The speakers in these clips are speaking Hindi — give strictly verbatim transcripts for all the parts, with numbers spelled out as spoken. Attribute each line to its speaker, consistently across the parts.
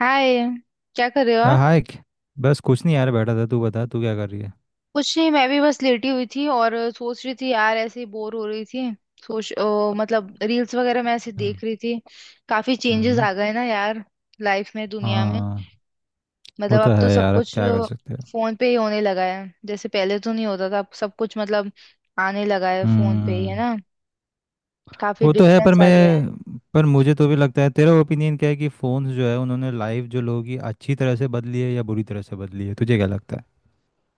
Speaker 1: हाय। क्या कर रहे हो
Speaker 2: हाँ,
Speaker 1: आप?
Speaker 2: हाय। क- बस कुछ नहीं यार, बैठा था। तू बता, तू क्या कर रही है?
Speaker 1: कुछ नहीं, मैं भी बस लेटी हुई थी और सोच रही थी यार, ऐसे ही बोर हो रही थी। सोच अ, मतलब रील्स वगैरह मैं ऐसे
Speaker 2: हाँ।
Speaker 1: देख रही थी। काफी चेंजेस
Speaker 2: हम्म।
Speaker 1: आ गए ना यार, लाइफ में, दुनिया में।
Speaker 2: हाँ, वो
Speaker 1: मतलब
Speaker 2: तो
Speaker 1: अब तो
Speaker 2: है
Speaker 1: सब
Speaker 2: यार, अब
Speaker 1: कुछ
Speaker 2: क्या कर सकते हैं।
Speaker 1: फोन पे ही होने लगा है, जैसे पहले तो नहीं होता था, अब सब कुछ मतलब आने लगा है फोन पे ही, है
Speaker 2: हम्म।
Speaker 1: ना। काफी
Speaker 2: वो तो है पर
Speaker 1: डिफरेंस आ गया है।
Speaker 2: मैं पर मुझे तो भी लगता है, तेरा ओपिनियन क्या है कि फ़ोन्स जो है उन्होंने लाइफ जो लोगों की, अच्छी तरह से बदली है या बुरी तरह से बदली है? तुझे क्या लगता है?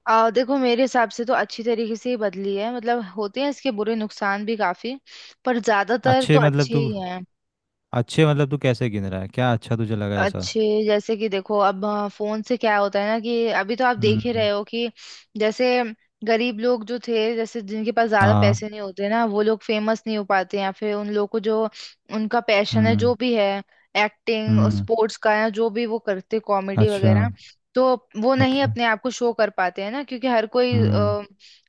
Speaker 1: आ, देखो, मेरे हिसाब से तो अच्छी तरीके से ही बदली है, मतलब होते हैं इसके बुरे नुकसान भी काफी, पर ज्यादातर
Speaker 2: अच्छे
Speaker 1: तो
Speaker 2: मतलब
Speaker 1: अच्छे
Speaker 2: तू
Speaker 1: ही हैं।
Speaker 2: अच्छे मतलब तू कैसे गिन रहा है, क्या अच्छा तुझे लगा ऐसा?
Speaker 1: अच्छे जैसे कि देखो, अब हाँ, फोन से क्या होता है ना कि अभी तो आप देख ही रहे
Speaker 2: हम्म।
Speaker 1: हो कि जैसे गरीब लोग जो थे, जैसे जिनके पास ज्यादा
Speaker 2: हाँ।
Speaker 1: पैसे नहीं होते ना, वो लोग फेमस नहीं हो पाते, या फिर उन लोग को जो, उनका पैशन है
Speaker 2: हम्म।
Speaker 1: जो भी है, एक्टिंग,
Speaker 2: हम्म।
Speaker 1: स्पोर्ट्स का, या जो भी वो करते, कॉमेडी
Speaker 2: अच्छा।
Speaker 1: वगैरह, तो वो नहीं
Speaker 2: ओके।
Speaker 1: अपने आप को शो कर पाते हैं ना, क्योंकि हर कोई
Speaker 2: हम्म।
Speaker 1: अ,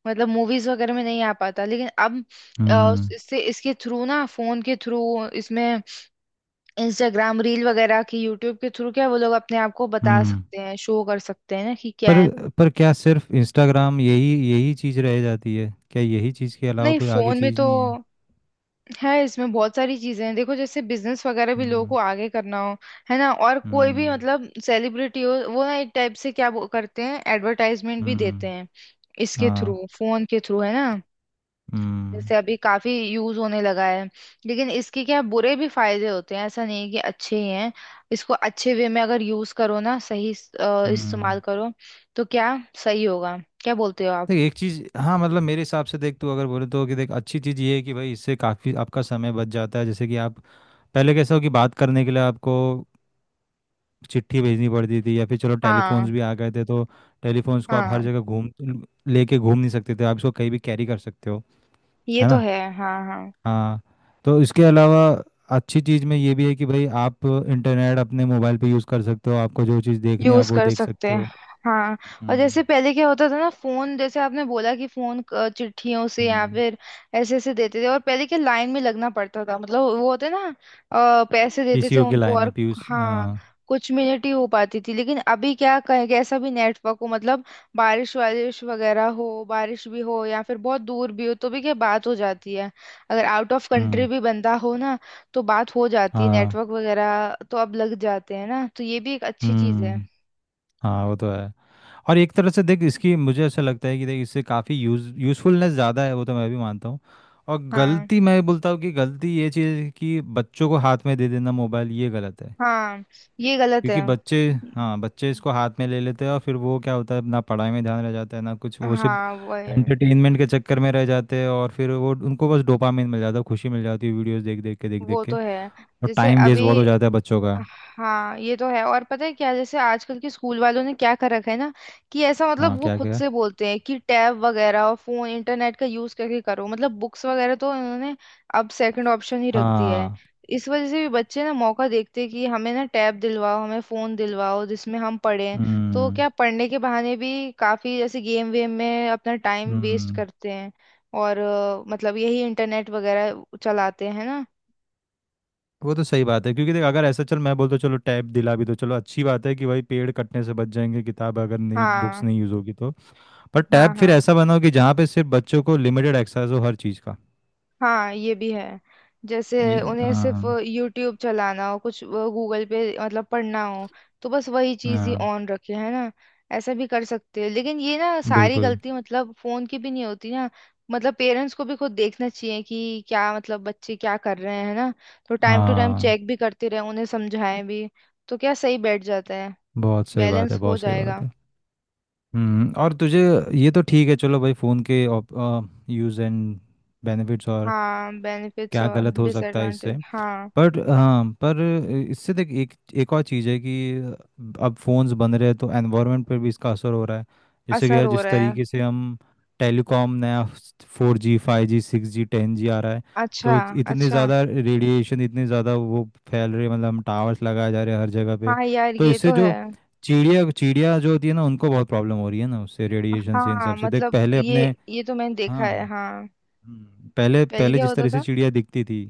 Speaker 1: मतलब मूवीज वगैरह में नहीं आ पाता। लेकिन अब अ,
Speaker 2: हम्म।
Speaker 1: इससे, इसके थ्रू ना, फोन के थ्रू, इसमें इंस्टाग्राम रील वगैरह के, यूट्यूब के थ्रू क्या वो लोग अपने आप को बता
Speaker 2: हम्म।
Speaker 1: सकते हैं, शो कर सकते हैं ना कि क्या है।
Speaker 2: पर पर क्या सिर्फ इंस्टाग्राम, यही यही चीज रह जाती है क्या? यही चीज के अलावा
Speaker 1: नहीं,
Speaker 2: कोई आगे
Speaker 1: फोन में
Speaker 2: चीज
Speaker 1: तो
Speaker 2: नहीं है?
Speaker 1: है, इसमें बहुत सारी चीजें हैं, देखो जैसे बिजनेस वगैरह भी लोगों को
Speaker 2: हम्म।
Speaker 1: आगे करना हो, है ना, और कोई भी
Speaker 2: हम्म।
Speaker 1: मतलब सेलिब्रिटी हो, वो ना एक टाइप से क्या वो करते हैं एडवर्टाइजमेंट भी देते
Speaker 2: हम्म।
Speaker 1: हैं इसके
Speaker 2: हाँ।
Speaker 1: थ्रू, फोन के थ्रू, है ना,
Speaker 2: हम्म।
Speaker 1: जैसे अभी काफी यूज होने लगा है। लेकिन इसके क्या बुरे भी फायदे होते हैं, ऐसा नहीं है कि अच्छे ही हैं। इसको अच्छे वे में अगर यूज करो ना, सही इस- अ,
Speaker 2: हम्म।
Speaker 1: इस्तेमाल करो, तो क्या सही होगा। क्या बोलते हो आप?
Speaker 2: देख एक चीज, हाँ मतलब मेरे हिसाब से देख, तू अगर बोले तो, कि देख अच्छी चीज ये है कि भाई इससे काफी आपका समय बच जाता है, जैसे कि आप पहले कैसा हो कि बात करने के लिए आपको चिट्ठी भेजनी पड़ती थी, या फिर चलो
Speaker 1: हाँ
Speaker 2: टेलीफोन्स भी आ गए थे, तो टेलीफोन्स को आप
Speaker 1: हाँ,
Speaker 2: हर जगह घूम लेके घूम नहीं सकते थे। आप इसको कहीं भी कैरी कर सकते हो,
Speaker 1: ये
Speaker 2: है
Speaker 1: तो
Speaker 2: ना?
Speaker 1: है। हाँ हाँ,
Speaker 2: हाँ। तो इसके अलावा अच्छी चीज़ में ये भी है कि भाई आप इंटरनेट अपने मोबाइल पे यूज़ कर सकते हो, आपको जो चीज़ देखनी है आप
Speaker 1: यूज
Speaker 2: वो
Speaker 1: कर
Speaker 2: देख
Speaker 1: सकते
Speaker 2: सकते
Speaker 1: हैं।
Speaker 2: हो।
Speaker 1: हाँ, और जैसे
Speaker 2: हम्म।
Speaker 1: पहले क्या होता था ना, फोन जैसे आपने बोला कि फोन क- चिट्ठियों से या
Speaker 2: हम्म।
Speaker 1: फिर ऐसे ऐसे देते थे, और पहले क्या लाइन में लगना पड़ता था, मतलब वो होते ना अ, पैसे देते थे
Speaker 2: पीसीओ की
Speaker 1: उनको,
Speaker 2: लाइन
Speaker 1: और
Speaker 2: में, पीयूष।
Speaker 1: हाँ,
Speaker 2: हाँ।
Speaker 1: कुछ मिनट ही हो पाती थी। लेकिन अभी क्या कहें, कैसा भी नेटवर्क हो मतलब, बारिश वारिश वगैरह हो, बारिश भी हो या फिर बहुत दूर भी हो तो भी क्या बात हो जाती है, अगर आउट ऑफ
Speaker 2: हम्म।
Speaker 1: कंट्री भी बंदा हो ना तो बात हो जाती है।
Speaker 2: हाँ।
Speaker 1: नेटवर्क वगैरह तो अब लग जाते हैं ना, तो ये भी एक अच्छी चीज है।
Speaker 2: हम्म। हाँ, वो तो है। और एक तरह से देख, इसकी मुझे ऐसा लगता है कि देख इससे काफ़ी यूज यूज़फुलनेस ज़्यादा है, वो तो मैं भी मानता हूँ। और
Speaker 1: हाँ
Speaker 2: गलती, मैं बोलता हूँ कि गलती ये चीज़ है कि बच्चों को हाथ में दे देना मोबाइल, ये गलत है।
Speaker 1: हाँ, ये गलत है।
Speaker 2: क्योंकि बच्चे हाँ, बच्चे इसको हाथ में ले लेते हैं और फिर वो क्या होता है ना, पढ़ाई में ध्यान रह जाता है ना कुछ। वो सिर्फ
Speaker 1: हाँ, वही।
Speaker 2: एंटरटेनमेंट के चक्कर में रह जाते हैं और फिर वो उनको बस डोपामिन मिल जाता है, खुशी मिल जाती है वीडियोस देख देख के देख देख
Speaker 1: वो
Speaker 2: के
Speaker 1: तो है।
Speaker 2: और
Speaker 1: जैसे
Speaker 2: टाइम
Speaker 1: अभी,
Speaker 2: वेस्ट बहुत हो जाता है बच्चों का।
Speaker 1: हाँ ये तो है। और पता है क्या, जैसे आजकल के स्कूल वालों ने क्या कर रखा है ना, कि ऐसा
Speaker 2: हाँ,
Speaker 1: मतलब वो
Speaker 2: क्या
Speaker 1: खुद
Speaker 2: क्या?
Speaker 1: से बोलते हैं कि टैब वगैरह और फोन इंटरनेट का यूज करके करो, मतलब बुक्स वगैरह तो उन्होंने अब सेकंड ऑप्शन ही रख दिया है।
Speaker 2: हाँ।
Speaker 1: इस वजह से भी बच्चे ना मौका देखते हैं कि हमें ना टैब दिलवाओ, हमें फोन दिलवाओ जिसमें हम पढ़ें, तो
Speaker 2: हम्म।
Speaker 1: क्या पढ़ने के बहाने भी काफी जैसे गेम वेम में अपना टाइम वेस्ट
Speaker 2: हम्म।
Speaker 1: करते हैं, और अ, मतलब यही इंटरनेट वगैरह चलाते हैं ना।
Speaker 2: वो तो सही बात है, क्योंकि देख अगर ऐसा चल मैं बोलता हूँ, चलो टैब दिला भी दो, चलो अच्छी बात है कि भाई पेड़ कटने से बच जाएंगे, किताब अगर नहीं, बुक्स
Speaker 1: हाँ
Speaker 2: नहीं यूज़ होगी तो। पर
Speaker 1: हाँ,
Speaker 2: टैब फिर
Speaker 1: हाँ
Speaker 2: ऐसा बनाओ कि जहाँ पे सिर्फ बच्चों को लिमिटेड एक्सेस हो हर चीज़ का।
Speaker 1: हाँ, ये भी है, जैसे
Speaker 2: ये...
Speaker 1: उन्हें सिर्फ
Speaker 2: हाँ।
Speaker 1: यूट्यूब चलाना हो, कुछ गूगल पे मतलब पढ़ना हो, तो बस वही चीज ही
Speaker 2: हाँ।
Speaker 1: ऑन रखे है ना, ऐसा भी कर सकते हैं। लेकिन ये ना सारी
Speaker 2: बिल्कुल।
Speaker 1: गलती मतलब फोन की भी नहीं होती ना, मतलब पेरेंट्स को भी खुद देखना चाहिए कि क्या मतलब बच्चे क्या कर रहे हैं, है ना, तो टाइम टू टाइम
Speaker 2: हाँ।
Speaker 1: चेक भी करते रहे, उन्हें समझाएं भी, तो क्या सही बैठ जाता है,
Speaker 2: बहुत सही बात है,
Speaker 1: बैलेंस हो
Speaker 2: बहुत सही बात
Speaker 1: जाएगा।
Speaker 2: है। हम्म, और तुझे... ये तो ठीक है, चलो भाई फ़ोन के यूज़ एंड बेनिफिट्स और
Speaker 1: हाँ, बेनिफिट्स
Speaker 2: क्या
Speaker 1: और
Speaker 2: गलत हो सकता है इससे?
Speaker 1: डिसएडवांटेज, हाँ।
Speaker 2: बट हाँ, पर इससे देख एक... एक और चीज़ है कि अब फोन्स बन रहे हैं तो एनवायरनमेंट पर भी इसका असर हो रहा है, जैसे कि
Speaker 1: असर
Speaker 2: यार
Speaker 1: हो
Speaker 2: जिस
Speaker 1: रहा है।
Speaker 2: तरीके से हम टेलीकॉम नया, four G five G six G ten G आ रहा है,
Speaker 1: अच्छा।
Speaker 2: तो इतने
Speaker 1: अच्छा
Speaker 2: ज़्यादा रेडिएशन, इतने ज़्यादा वो फैल रहे, मतलब हम टावर्स लगाए जा रहे हैं हर जगह पे।
Speaker 1: हाँ यार,
Speaker 2: तो
Speaker 1: ये
Speaker 2: इससे
Speaker 1: तो है।
Speaker 2: जो चिड़िया चिड़िया जो होती है ना उनको बहुत प्रॉब्लम हो रही है ना, उससे रेडिएशन से, इन
Speaker 1: हाँ,
Speaker 2: सब से। देख
Speaker 1: मतलब
Speaker 2: पहले
Speaker 1: ये
Speaker 2: अपने...
Speaker 1: ये तो मैंने देखा
Speaker 2: हाँ।
Speaker 1: है। हाँ,
Speaker 2: हम्म, पहले
Speaker 1: पहले
Speaker 2: पहले
Speaker 1: क्या
Speaker 2: जिस
Speaker 1: होता
Speaker 2: तरह से
Speaker 1: था।
Speaker 2: चिड़िया दिखती थी,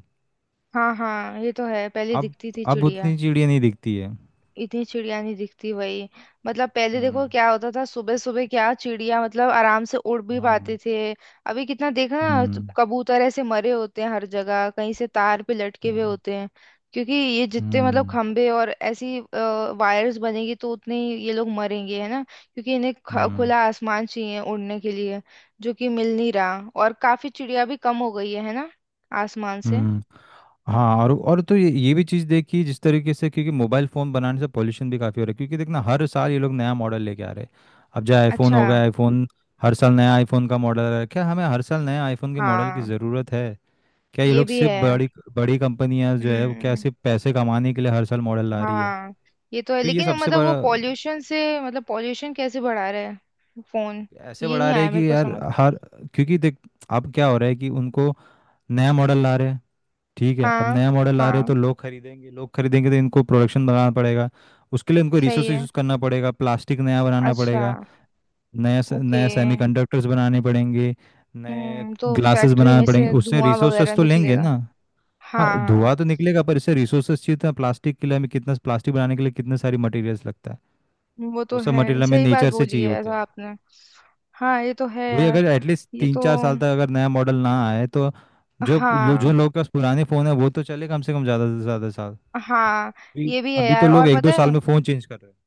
Speaker 1: हाँ हाँ, ये तो है, पहले
Speaker 2: अब
Speaker 1: दिखती थी
Speaker 2: अब
Speaker 1: चिड़िया।
Speaker 2: उतनी चिड़िया नहीं दिखती है।
Speaker 1: इतनी चिड़िया नहीं दिखती भाई, मतलब पहले देखो
Speaker 2: हम्म।
Speaker 1: क्या होता था सुबह सुबह, क्या चिड़िया मतलब आराम से उड़ भी पाते
Speaker 2: हाँ।
Speaker 1: थे। अभी कितना देखना, तो
Speaker 2: हम्म।
Speaker 1: कबूतर ऐसे मरे होते हैं हर जगह, कहीं से तार पे लटके हुए
Speaker 2: हम्म।
Speaker 1: होते हैं, क्योंकि ये जितने मतलब
Speaker 2: हम्म।
Speaker 1: खंबे और ऐसी वायर्स बनेगी तो उतने ही ये लोग मरेंगे, है ना, क्योंकि इन्हें ख-
Speaker 2: हम्म।
Speaker 1: खुला आसमान चाहिए उड़ने के लिए, जो कि मिल नहीं रहा, और काफी चिड़िया भी कम हो गई है है ना, आसमान से।
Speaker 2: हम्म। हाँ, और और तो ये ये भी चीज़ देखी जिस तरीके से, क्योंकि मोबाइल फ़ोन बनाने से पॉल्यूशन भी काफ़ी हो रहा है, क्योंकि देखना हर साल ये लोग नया मॉडल लेके आ रहे हैं। अब चाहे आईफोन
Speaker 1: अच्छा।
Speaker 2: हो गया, आईफोन हर साल नया आईफोन का मॉडल आ रहा है। क्या हमें हर साल नया आईफोन के मॉडल की
Speaker 1: हाँ,
Speaker 2: ज़रूरत है? क्या ये
Speaker 1: ये
Speaker 2: लोग
Speaker 1: भी
Speaker 2: सिर्फ
Speaker 1: है।
Speaker 2: बड़ी बड़ी कंपनियां जो है, वो क्या
Speaker 1: हम्म,
Speaker 2: सिर्फ पैसे कमाने के लिए हर साल मॉडल ला रही है?
Speaker 1: हाँ ये तो है,
Speaker 2: तो ये
Speaker 1: लेकिन
Speaker 2: सबसे
Speaker 1: मतलब वो
Speaker 2: बड़ा...
Speaker 1: पॉल्यूशन से, मतलब पॉल्यूशन कैसे बढ़ा रहा है फोन,
Speaker 2: ऐसे
Speaker 1: ये
Speaker 2: बढ़ा
Speaker 1: नहीं
Speaker 2: रहे
Speaker 1: आया
Speaker 2: हैं
Speaker 1: मेरे
Speaker 2: कि
Speaker 1: को
Speaker 2: यार
Speaker 1: समझ।
Speaker 2: हर क्योंकि देख अब क्या हो रहा है कि उनको नया मॉडल ला रहे हैं, ठीक है अब
Speaker 1: हाँ।
Speaker 2: नया मॉडल ला रहे हैं तो
Speaker 1: हाँ,
Speaker 2: लोग खरीदेंगे, लोग खरीदेंगे तो इनको प्रोडक्शन बढ़ाना पड़ेगा, उसके लिए इनको
Speaker 1: सही
Speaker 2: रिसोर्स
Speaker 1: है।
Speaker 2: यूज़ करना पड़ेगा, प्लास्टिक नया बनाना
Speaker 1: अच्छा।
Speaker 2: पड़ेगा, नया से-
Speaker 1: ओके।
Speaker 2: नया सेमीकंडक्टर्स बनाने पड़ेंगे, नए
Speaker 1: हम्म, तो
Speaker 2: ग्लासेस
Speaker 1: फैक्ट्री में
Speaker 2: बनाने पड़ेंगे,
Speaker 1: से
Speaker 2: उससे
Speaker 1: धुआं
Speaker 2: रिसोर्सेस
Speaker 1: वगैरह
Speaker 2: तो लेंगे
Speaker 1: निकलेगा।
Speaker 2: ना। हाँ,
Speaker 1: हाँ हाँ,
Speaker 2: धुआं तो निकलेगा पर इससे रिसोर्सेस चाहिए था, प्लास्टिक के लिए हमें कितना प्लास्टिक बनाने के लिए कितने सारे मटेरियल्स लगता है,
Speaker 1: वो
Speaker 2: वो
Speaker 1: तो
Speaker 2: सब
Speaker 1: है,
Speaker 2: मटेरियल हमें
Speaker 1: सही बात
Speaker 2: नेचर से
Speaker 1: बोली
Speaker 2: चाहिए
Speaker 1: है
Speaker 2: होते
Speaker 1: ऐसा
Speaker 2: हैं।
Speaker 1: आपने। हाँ ये तो है
Speaker 2: वही, अगर
Speaker 1: यार।
Speaker 2: एटलीस्ट
Speaker 1: ये
Speaker 2: तीन
Speaker 1: तो।
Speaker 2: चार साल तक अगर नया मॉडल ना आए तो जो लो, जो
Speaker 1: हाँ
Speaker 2: लोग के पास पुराने फ़ोन है वो तो चले कम से कम ज़्यादा से ज़्यादा साल।
Speaker 1: हाँ,
Speaker 2: अभी...
Speaker 1: ये भी है
Speaker 2: अभी तो
Speaker 1: यार।
Speaker 2: लोग
Speaker 1: और
Speaker 2: एक
Speaker 1: पता
Speaker 2: दो साल
Speaker 1: है,
Speaker 2: में फ़ोन चेंज कर रहे हैं।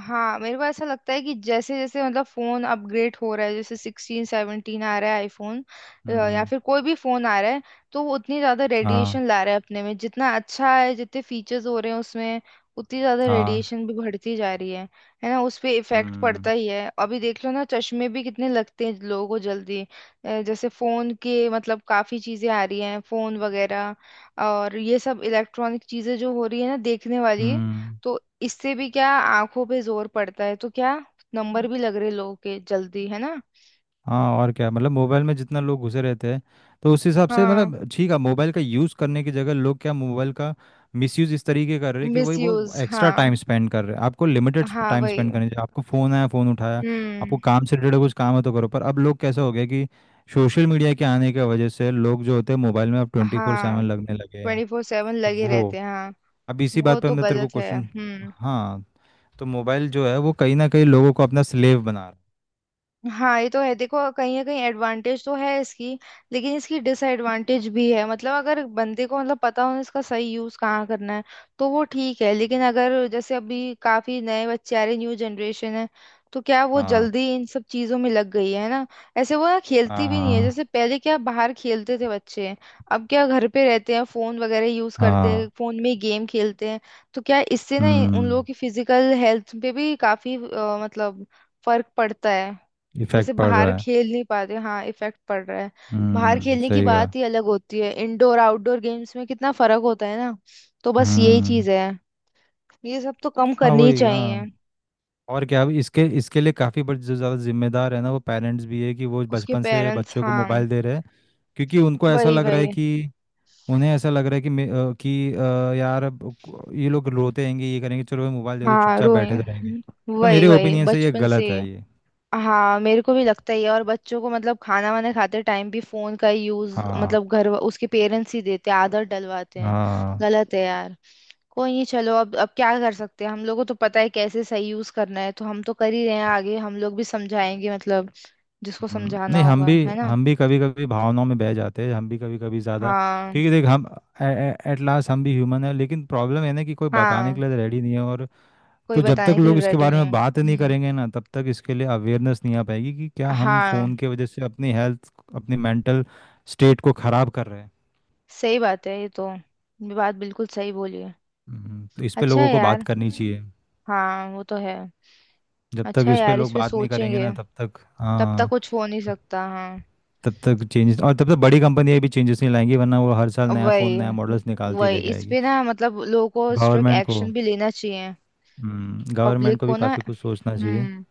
Speaker 1: हाँ मेरे को ऐसा लगता है कि जैसे जैसे मतलब फोन अपग्रेड हो रहा है, जैसे सिक्सटीन सेवनटीन आ रहा है आईफोन, या
Speaker 2: हम्म।
Speaker 1: फिर कोई भी फोन आ रहा है, तो वो उतनी ज्यादा
Speaker 2: हाँ।
Speaker 1: रेडिएशन ला रहा है अपने में, जितना अच्छा है, जितने फीचर्स हो रहे हैं उसमें, उतनी ज्यादा
Speaker 2: हाँ।
Speaker 1: रेडिएशन भी बढ़ती जा रही है है ना। उस पे इफेक्ट
Speaker 2: हम्म।
Speaker 1: पड़ता ही है, अभी देख लो ना, चश्मे भी कितने लगते हैं लोगों को जल्दी। अ, जैसे फोन के मतलब काफी चीजें आ रही हैं, फोन वगैरह, और ये सब इलेक्ट्रॉनिक चीजें जो हो रही है ना देखने वाली,
Speaker 2: हम्म।
Speaker 1: तो इससे भी क्या आंखों पे जोर पड़ता है, तो क्या नंबर भी लग रहे लोगों के जल्दी, है ना।
Speaker 2: हाँ, और क्या, मतलब मोबाइल में जितना लोग घुसे रहते हैं, तो उस हिसाब से
Speaker 1: हाँ,
Speaker 2: मतलब, ठीक है मोबाइल का यूज़ करने की जगह लोग क्या मोबाइल का मिसयूज़ इस तरीके कर रहे हैं कि
Speaker 1: मिस
Speaker 2: वही वो
Speaker 1: यूज,
Speaker 2: एक्स्ट्रा
Speaker 1: हाँ।
Speaker 2: टाइम स्पेंड कर रहे हैं। आपको लिमिटेड
Speaker 1: हाँ,
Speaker 2: टाइम
Speaker 1: वही।
Speaker 2: स्पेंड करने चाहिए, आपको फ़ोन आया फ़ोन उठाया, आपको
Speaker 1: हम्म,
Speaker 2: काम से रिलेटेड कुछ काम है तो करो। पर अब लोग कैसा हो गया कि सोशल मीडिया के आने की वजह से लोग जो होते हैं मोबाइल में अब ट्वेंटी फोर सेवन
Speaker 1: हाँ,
Speaker 2: लगने लगे हैं।
Speaker 1: ट्वेंटी फोर सेवन लगे
Speaker 2: वो...
Speaker 1: रहते हैं, हाँ।
Speaker 2: अब इसी
Speaker 1: वो
Speaker 2: बात पे
Speaker 1: तो
Speaker 2: हमने तेरे को
Speaker 1: गलत है।
Speaker 2: क्वेश्चन...
Speaker 1: हम्म।
Speaker 2: हाँ, तो मोबाइल जो है वो कहीं ना कहीं लोगों को अपना स्लेव बना रहा है।
Speaker 1: हाँ ये तो है, देखो कहीं ना कहीं एडवांटेज तो है इसकी, लेकिन इसकी डिसएडवांटेज भी है, मतलब अगर बंदे को मतलब पता हो इसका सही यूज कहाँ करना है तो वो ठीक है, लेकिन अगर जैसे अभी काफी नए बच्चे आ रहे, न्यू जनरेशन है, तो क्या वो
Speaker 2: हाँ।
Speaker 1: जल्दी इन सब चीजों में लग गई है ना। ऐसे वो ना खेलती भी नहीं है, जैसे
Speaker 2: हाँ।
Speaker 1: पहले क्या बाहर खेलते थे बच्चे, अब क्या घर पे रहते हैं, फोन वगैरह यूज करते हैं,
Speaker 2: हाँ।
Speaker 1: फोन में गेम खेलते हैं, तो क्या इससे ना उन लोगों
Speaker 2: हम्म।
Speaker 1: की फिजिकल हेल्थ पे भी काफी अ, मतलब फर्क पड़ता है,
Speaker 2: इफेक्ट
Speaker 1: जैसे
Speaker 2: पड़
Speaker 1: बाहर
Speaker 2: रहा है।
Speaker 1: खेल नहीं पाते। हाँ, इफेक्ट पड़ रहा है। बाहर
Speaker 2: हम्म,
Speaker 1: खेलने की
Speaker 2: सही कहा।
Speaker 1: बात ही अलग होती है, इंडोर आउटडोर गेम्स में कितना फर्क होता है ना, तो बस यही चीज
Speaker 2: हम्म।
Speaker 1: है। ये सब तो कम
Speaker 2: हाँ,
Speaker 1: करनी ही
Speaker 2: वही
Speaker 1: चाहिए।
Speaker 2: हाँ। और क्या, अब इसके इसके लिए काफ़ी बड़ जो ज़्यादा जिम्मेदार है ना वो पेरेंट्स भी है कि वो
Speaker 1: उसके
Speaker 2: बचपन से
Speaker 1: पेरेंट्स,
Speaker 2: बच्चों को
Speaker 1: हाँ,
Speaker 2: मोबाइल दे रहे हैं। क्योंकि उनको ऐसा
Speaker 1: वही
Speaker 2: लग रहा है
Speaker 1: वही।
Speaker 2: कि उन्हें ऐसा लग रहा है कि मे- अ, कि अ, यार अब को- ये लोग रोते रहेंगे, ये करेंगे, चलो भाई मोबाइल दे दो
Speaker 1: हाँ,
Speaker 2: चुपचाप
Speaker 1: रोए,
Speaker 2: बैठे तो रहेंगे। तो
Speaker 1: वही
Speaker 2: मेरे
Speaker 1: वही
Speaker 2: ओपिनियन से ये
Speaker 1: बचपन से।
Speaker 2: गलत है ये।
Speaker 1: हाँ, मेरे को भी लगता ही है, और बच्चों को मतलब खाना वाना खाते टाइम भी फोन का यूज,
Speaker 2: हाँ।
Speaker 1: मतलब घर वा- उसके पेरेंट्स ही देते हैं आदत डलवाते हैं,
Speaker 2: हाँ।
Speaker 1: गलत है यार। कोई नहीं, चलो अब अब क्या कर सकते हैं, हम लोगों को तो पता है कैसे सही यूज करना है, तो हम तो कर ही रहे हैं, आगे हम लोग भी समझाएंगे मतलब, जिसको
Speaker 2: हम्म, नहीं
Speaker 1: समझाना
Speaker 2: हम
Speaker 1: होगा,
Speaker 2: भी
Speaker 1: है ना।
Speaker 2: हम भी कभी कभी भावनाओं में बह जाते हैं, हम भी कभी कभी ज़्यादा,
Speaker 1: हाँ
Speaker 2: क्योंकि देख हम एट लास्ट हम भी ह्यूमन है। लेकिन प्रॉब्लम है ना कि कोई बताने के
Speaker 1: हाँ।
Speaker 2: लिए रेडी नहीं है। और
Speaker 1: कोई
Speaker 2: तो जब तक
Speaker 1: बताने के
Speaker 2: लोग
Speaker 1: लिए
Speaker 2: इसके
Speaker 1: रेडी
Speaker 2: बारे
Speaker 1: नहीं
Speaker 2: में
Speaker 1: है,
Speaker 2: बात नहीं
Speaker 1: हम्म।
Speaker 2: करेंगे ना, तब तक इसके लिए अवेयरनेस नहीं आ पाएगी कि क्या हम
Speaker 1: हाँ,
Speaker 2: फ़ोन की वजह से अपनी हेल्थ, अपनी मेंटल स्टेट को ख़राब कर रहे हैं।
Speaker 1: सही बात है, ये तो, ये बात बिल्कुल सही बोली है।
Speaker 2: हम्म, तो इस पे
Speaker 1: अच्छा
Speaker 2: लोगों
Speaker 1: है
Speaker 2: को बात
Speaker 1: यार।
Speaker 2: करनी चाहिए।
Speaker 1: हाँ वो तो है।
Speaker 2: जब तक
Speaker 1: अच्छा है
Speaker 2: इस पे
Speaker 1: यार, इस
Speaker 2: लोग
Speaker 1: पे
Speaker 2: बात नहीं करेंगे
Speaker 1: सोचेंगे,
Speaker 2: ना, तब तक।
Speaker 1: तब तक
Speaker 2: हाँ,
Speaker 1: कुछ हो नहीं सकता, हाँ।
Speaker 2: तब तक चेंजेस... और तब तक बड़ी कंपनियां भी चेंजेस नहीं लाएंगी, वरना वो हर साल नया फ़ोन नया
Speaker 1: वही
Speaker 2: मॉडल्स निकालती
Speaker 1: वही,
Speaker 2: लेके
Speaker 1: इस
Speaker 2: आएगी।
Speaker 1: पे ना मतलब लोगों को स्ट्रिक्ट
Speaker 2: गवर्नमेंट को
Speaker 1: एक्शन भी लेना चाहिए,
Speaker 2: गवर्नमेंट
Speaker 1: पब्लिक
Speaker 2: को भी
Speaker 1: को ना।
Speaker 2: काफ़ी कुछ सोचना चाहिए।
Speaker 1: हम्म,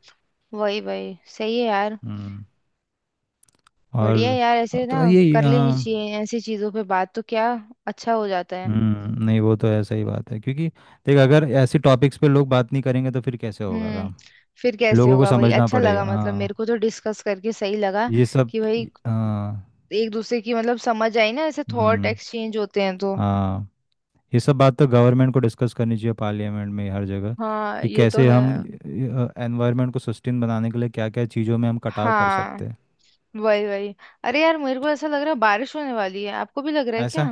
Speaker 1: वही वही, सही है यार।
Speaker 2: हम्म, और
Speaker 1: बढ़िया है यार, ऐसे
Speaker 2: अब
Speaker 1: ना
Speaker 2: तो ये...
Speaker 1: कर लेनी
Speaker 2: हाँ।
Speaker 1: चाहिए ऐसी चीजों पे बात, तो क्या अच्छा हो जाता है।
Speaker 2: हम्म, नहीं वो तो ऐसा ही बात है, क्योंकि देख अगर ऐसे टॉपिक्स पे लोग बात नहीं करेंगे तो फिर कैसे होगा
Speaker 1: हम्म,
Speaker 2: काम?
Speaker 1: फिर कैसे
Speaker 2: लोगों को
Speaker 1: होगा, वही।
Speaker 2: समझना
Speaker 1: अच्छा लगा
Speaker 2: पड़ेगा,
Speaker 1: मतलब, मेरे
Speaker 2: हाँ।
Speaker 1: को तो डिस्कस करके सही लगा
Speaker 2: ये सब।
Speaker 1: कि भाई
Speaker 2: हाँ।
Speaker 1: एक दूसरे की मतलब समझ आई ना, ऐसे थॉट
Speaker 2: हम्म,
Speaker 1: एक्सचेंज होते हैं तो।
Speaker 2: हाँ। ये सब बात तो गवर्नमेंट को डिस्कस करनी चाहिए पार्लियामेंट में, हर जगह,
Speaker 1: हाँ
Speaker 2: कि
Speaker 1: ये तो
Speaker 2: कैसे
Speaker 1: है।
Speaker 2: हम एनवायरनमेंट को सस्टेन बनाने के लिए क्या क्या चीज़ों में हम कटाव कर
Speaker 1: हाँ,
Speaker 2: सकते हैं।
Speaker 1: वही वही। अरे यार, मेरे को ऐसा लग रहा है बारिश होने वाली है, आपको भी लग रहा है क्या?
Speaker 2: ऐसा...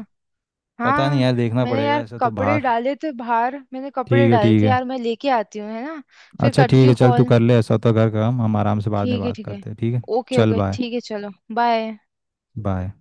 Speaker 2: पता नहीं
Speaker 1: हाँ,
Speaker 2: यार, देखना
Speaker 1: मैंने
Speaker 2: पड़ेगा
Speaker 1: यार
Speaker 2: ऐसा तो
Speaker 1: कपड़े
Speaker 2: बाहर।
Speaker 1: डाले थे बाहर, मैंने कपड़े
Speaker 2: ठीक है,
Speaker 1: डाले
Speaker 2: ठीक
Speaker 1: थे
Speaker 2: है।
Speaker 1: यार, मैं लेके आती हूँ, है ना। फिर
Speaker 2: अच्छा
Speaker 1: करती
Speaker 2: ठीक है,
Speaker 1: हूँ
Speaker 2: चल तू
Speaker 1: कॉल।
Speaker 2: कर ले ऐसा तो घर का काम, हम आराम से बाद में
Speaker 1: ठीक है
Speaker 2: बात
Speaker 1: ठीक है।
Speaker 2: करते हैं, ठीक है।
Speaker 1: ओके
Speaker 2: चल
Speaker 1: ओके,
Speaker 2: बाय।
Speaker 1: ठीक है, चलो। बाय।
Speaker 2: बाय।